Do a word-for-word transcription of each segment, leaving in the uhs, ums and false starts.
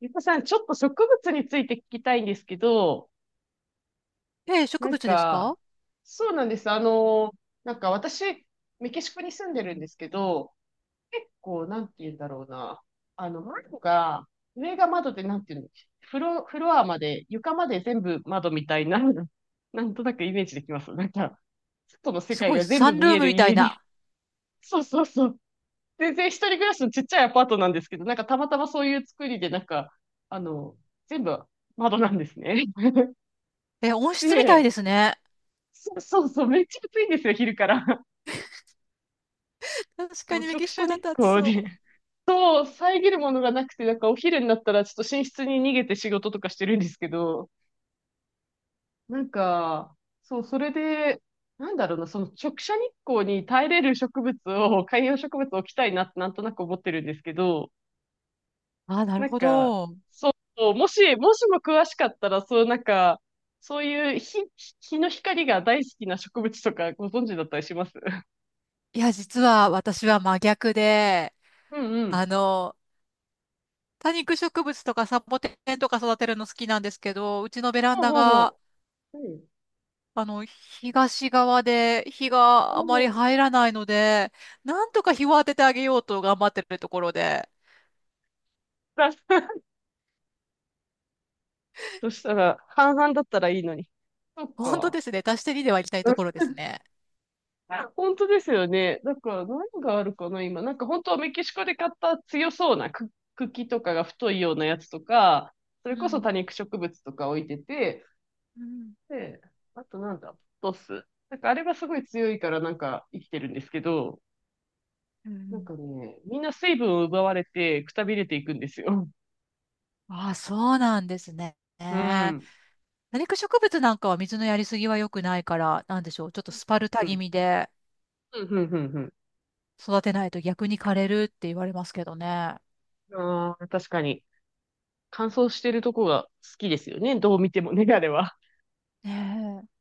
ゆかさん、ちょっと植物について聞きたいんですけど、ええ、植なん物ですか？か、そうなんです。あの、なんか私、メキシコに住んでるんですけど、結構、なんて言うんだろうな。あの、窓が、上が窓で、なんて言うの、フロ、フロアまで、床まで全部窓みたいな、なんとなくイメージできます。なんか、外の世す界ごい、が全サ部ンル見ーえムるみたい家に。な。そうそうそう。全然一人暮らしのちっちゃいアパートなんですけど、なんかたまたまそういう作りで、なんか、あの、全部窓なんですね。え、温室みたいでで、すね。そう そうそう、めっちゃ暑いんですよ、昼から。確かもうにメ直キシ射コだ日と暑光で。そ そう、遮るものがなくて、なんかお昼になったらちょっと寝室に逃げて仕事とかしてるんですけど、なんか、そう、それで、なんだろうな、その直射日光に耐えれる植物を、観葉植物を置きたいなってなんとなく思ってるんですけど、う。ああ、なるなんほか、ど。そう、もし、もしも詳しかったら、そう、なんか、そういう日、日の光が大好きな植物とかご存知だったりします？ いや、実は私は真逆で、うんうあん。の、多肉植物とかサボテンとか育てるの好きなんですけど、うちのベランほうダほうが、ほう。うん。あの、東側で日おがあまりお。入らないので、なんとか日を当ててあげようと頑張ってるところで、だ そしたら、半々だったらいいのに。そっ本当か。ですね、足してにではいきたいうん ところです ね。本当ですよね。だから何があるかな、今。なんか本当はメキシコで買った強そうなく茎とかが太いようなやつとか、そうれこそ多ん。肉植物とか置いてて、うん。で、あとなんだ、ポトス。なんかあれがすごい強いからなんか生きてるんですけど、うなんん。かね、みんな水分を奪われてくたびれていくんですよ。ああ、そうなんですね。うね。ん。多肉植物なんかは水のやりすぎは良くないから、なんでしょう。ちょっとスパルタう気ん。味でうん、うん、うん、うん。育てないと逆に枯れるって言われますけどね。ああ、確かに。乾燥してるとこが好きですよね。どう見てもね、あれは。ねえ。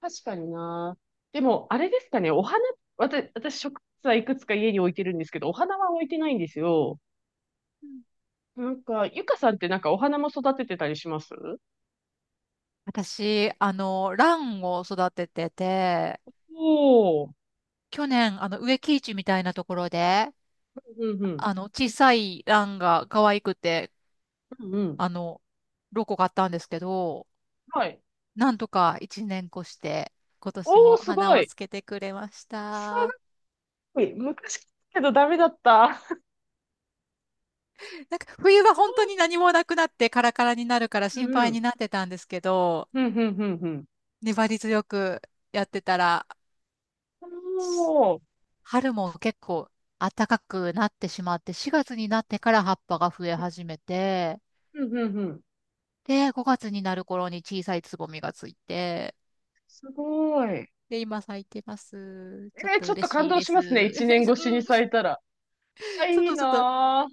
確かにな。でも、あれですかね、お花、私、私、植物はいくつか家に置いてるんですけど、お花は置いてないんですよ。うん。なんか、ゆかさんってなんかお花も育ててたりします？私、あの、ランを育ててて、おおー。去年、あの、植木市みたいなところで、うんうん。あの、小さいランが可愛くて、うんうん。あの、ロコ買ったんですけど、はい。なんとかいちねん越して、今年おお、もすご花をい。つけてくれました。すごい。昔けどダメだった。なんか冬はそ本当に何もなくなってカラカラになるからう。心う配にんなってたんですけど、うん。うんうんうんうん。粘り強くやってたら、しおお。春も結構暖かくなってしまって、しがつになってから葉っぱが増え始めて、うんうんうん。で、ごがつになる頃に小さいつぼみがついて、すごい。で、今咲いてます。ちょっえーとちょっと嬉感しい動でしますね。す。一年 越しにうん、咲いたら。あ、そう、いいちょっとな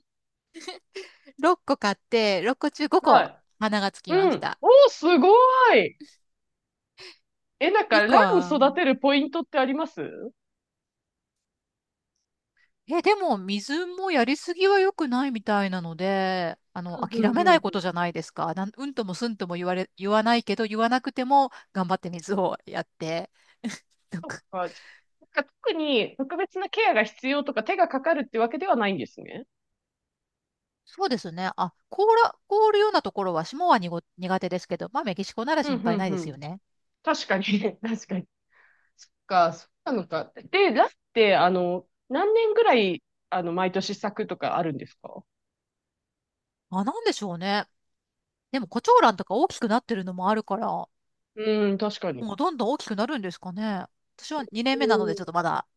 ろっこ買って、ろっこ中5ぁ。は個い。花がつきまうしん。た。おー、すごい。え、なんか、1ラ個ンは育てるポイントってあります？うんえ、でも水もやりすぎは良くないみたいなので、あの、うん諦うめんうないことん。じゃないですか。なん、うんともすんとも言われ、言わないけど、言わなくても頑張って水をやって。なんそっかか。じゃなんか特に特別なケアが必要とか手がかかるってわけではないんですね。そうですね。あ、凍ら、凍るようなところは霜はにご苦手ですけど、まあメキシコならう心んう配んないうですよん。ね。確かに、確かに。そっか、そうなのか。で、ランって、あの、何年ぐらい、あの、毎年咲くとかあるんですか？あ、なんでしょうね。でもコチョウランとか大きくなってるのもあるから、もうん、確かに。うどんどん大きくなるんですかね。私はにねんめなうのでん、ちょっとまだ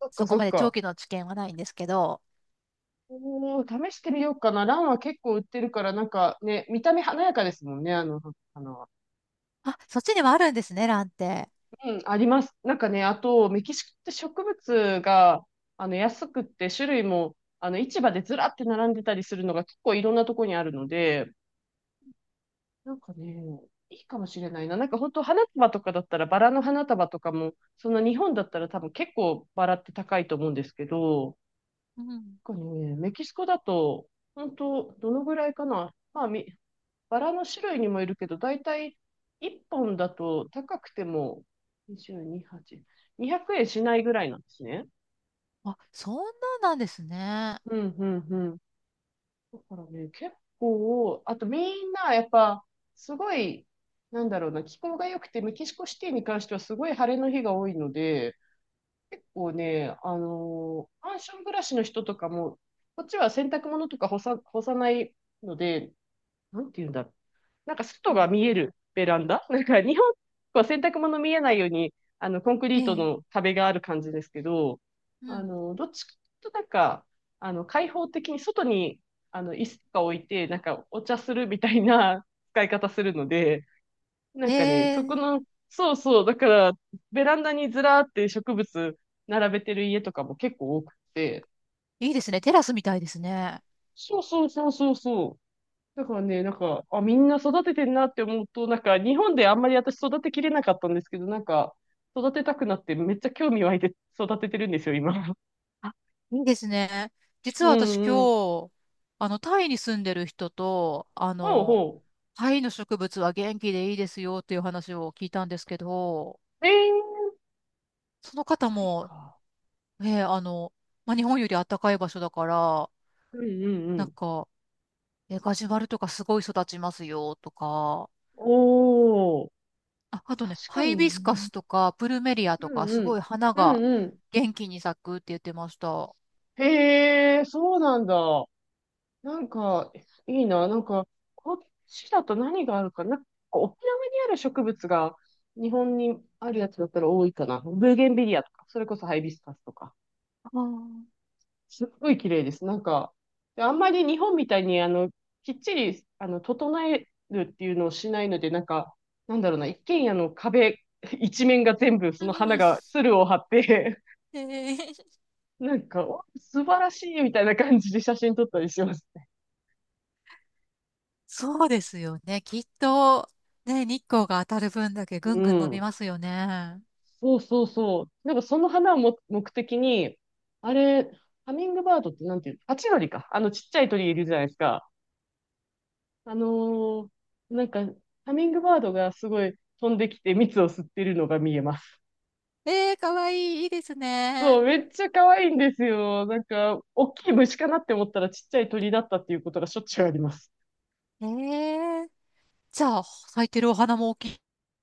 そっそかこそっまで長か。期の知見はないんですけど、おー、試してみようかな。ランは結構売ってるから、なんかね、見た目華やかですもんね、あの、花は。あ、そっちにはあるんですね、ランって。うん、あります。なんかね、あと、メキシコって植物が、あの、安くって、種類も、あの、市場でずらって並んでたりするのが結構いろんなとこにあるので、なんかね、いいかもしれないな。なんか本当花束とかだったら、バラの花束とかも、そんな日本だったら多分結構バラって高いと思うんですけど、うん。なんかね、メキシコだと、本当どのぐらいかな。まあ、みバラの種類にもいるけど、だいたいいっぽんだと高くてもにじゅうに、はち、にひゃくえんしないぐらいなんですね。あ、そんなんなんですね。うん、うん、うん。だからね、結構、あとみんなやっぱ、すごい、なんだろうな、気候が良くて、メキシコシティに関してはすごい晴れの日が多いので、結構ね、あのーマンション暮らしの人とかも、こっちは洗濯物とか干さ、干さないので、なんていうんだろ、なんかう外ん、が見えるベランダ なんか日本は洗濯物見えないように、あの、コンクえリートのえ。壁がある感じですけど、うあん。の、どっちかとなんか、あの、開放的に外に、あの、椅子とか置いて、なんかお茶するみたいな 使い方するので、なえんかね、そこえ、の、そうそう、だから、ベランダにずらーって植物並べてる家とかも結構多くて、いいですね。テラスみたいですね。そうそうそうそうそう。だからね、なんか、あ、みんな育ててんなって思うと、なんか、日本であんまり私育てきれなかったんですけど、なんか、育てたくなって、めっちゃ興味湧いて育ててるんですよ、今。いいですね。実うは私今んうん。日、あの、タイに住んでる人と、あほうの、ほタイの植物は元気でいいですよっていう話を聞いたんですけど、う。えー、その方はいも、か。ええ、あの、まあ、日本より暖かい場所だから、うんうんうなんん。か、えガジュマルとかすごい育ちますよとか、おー、あ、あとね、確かハイにビな。スカスとかプルメリアうとか、んすうごいん。花うがんうん。元気に咲くって言ってました。へえ、そうなんだ。なんか、いいな。なんか、こっちだと何があるかな。なんか沖縄にある植物が日本にあるやつだったら多いかな。ブーゲンビリアとか、それこそハイビスカスとか。すっごい綺麗です。なんか、であんまり日本みたいに、あの、きっちり、あの、整えるっていうのをしないので、なんか、なんだろうな、一軒家の壁一面が全部その花が、鶴を張って、なんか、お素晴らしいみたいな感じで写真撮ったりしますね。そうですよね。きっと、ね、日光が当たる分だけぐうんぐん伸びん。ますよね。そうそうそう。なんかその花をも目的に、あれ、ハミングバードってなんていうの、ハチドリか。あのちっちゃい鳥いるじゃないですか。あのーなんか、ハミングバードがすごい飛んできて蜜を吸ってるのが見えます。えー、かわいい、いいですね。そう、めっちゃ可愛いんですよ。なんか、大きい虫かなって思ったらちっちゃい鳥だったっていうことがしょっちゅうあります。えーじゃあ、咲いてるお花も大き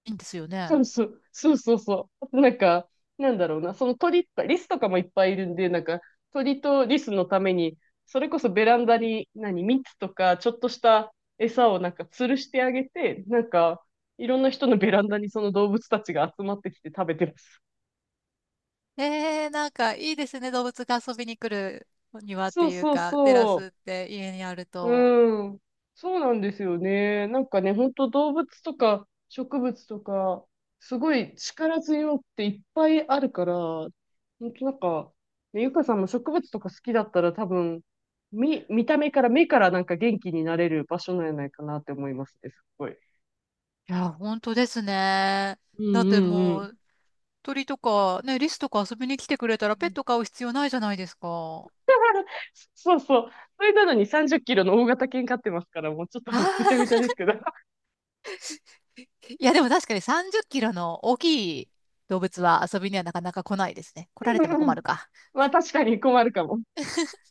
いんですよそね。うそう、そうそうそう。なんか、なんだろうな、その鳥とか、リスとかもいっぱいいるんで、なんか、鳥とリスのために、それこそベランダに、何、蜜とか、ちょっとした餌をなんか吊るしてあげて、なんか、いろんな人のベランダにその動物たちが集まってきて食べてます。えー、なんかいいですね。動物が遊びに来る庭っそうていうそうか、テラそう。スって家にあると。うん。そうなんですよね。なんかね、本当動物とか植物とか、すごい力強くていっぱいあるから、本当なんか、ねゆかさんも植物とか好きだったら多分、見、見た目から、目からなんか元気になれる場所なんじゃないかなって思いますね、すっごい。いや、本当ですね。うんだっうてうんうん。も鳥とか、ね、リスとか遊びに来てくれたらペット飼う必要ないじゃないですか。そうそう。それなのにさんじゅっキロの大型犬飼ってますから、もうちょっああ、とぐちゃ ぐちゃですけど。いやでも確かにさんじゅっキロの大きい動物は遊びにはなかなか来ないですね。来られうてもんう困るん、か。まあ確かに困るかも。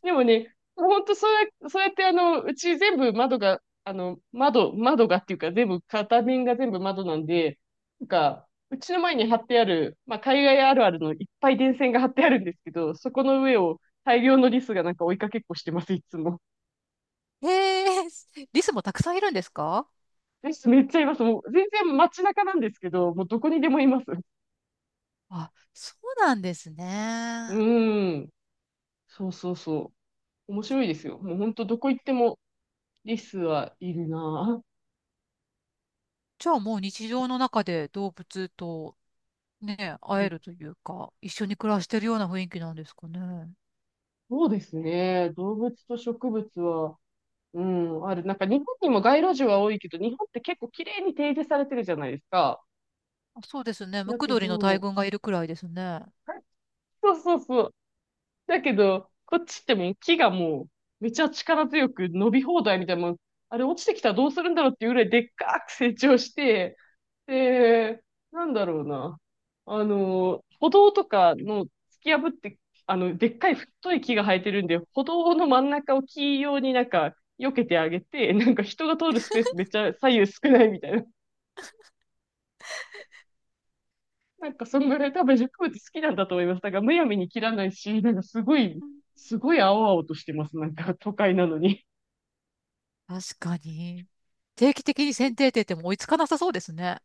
でもね、もうほんとそうや、そうやってあの、うち全部窓が、あの、窓、窓がっていうか全部、片面が全部窓なんで、なんか、うちの前に貼ってある、まあ、海外あるあるのいっぱい電線が張ってあるんですけど、そこの上を大量のリスがなんか追いかけっこしてます、いつも。へえ、リスもたくさんいるんですか？リスめっちゃいます。もう全然街中なんですけど、もうどこにでもいます。あ、そうなんですうね。ーん。そうそうそう。面白いですよ。もうほんとどこ行ってもリスはいるなぁ。じゃあもう日常の中で動物とね、う会えん、るというか、一緒に暮らしてるような雰囲気なんですかね。そうですね。動物と植物は、うん、ある。なんか日本にも街路樹は多いけど、日本って結構綺麗に提示されてるじゃないですか。あそうですね。ムだクけドリの大ど、群がいるくらいですね。そうそうそう。だけど、こっちってもう木がもう、めちゃ力強く伸び放題みたいな、もうあれ落ちてきたらどうするんだろうっていうぐらいでっかく成長して、ええなんだろうな。あの、歩道とかの突き破って、あの、でっかい太い木が生えてるんで、歩道の真ん中を木用になんか、避けてあげて、なんか人が通るスペースめっちゃ左右少ないみたいな。なんかそんぐらい多分植物好きなんだと思います。だんむやみに切らないし、なんかすごい、すごい青々としてます。なんか都会なのに。確かに。定期的に剪定 って言っても追いつかなさそうですね。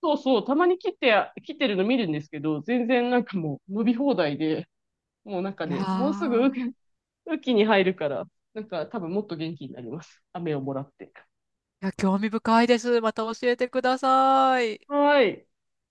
そうそう、たまに切って、切ってるの見るんですけど、全然なんかもう伸び放題で、もうなんかいやね、もうすぐー、雨季に入るから、なんか多分もっと元気になります。雨をもらって。いや、興味深いです。また教えてください。はーい。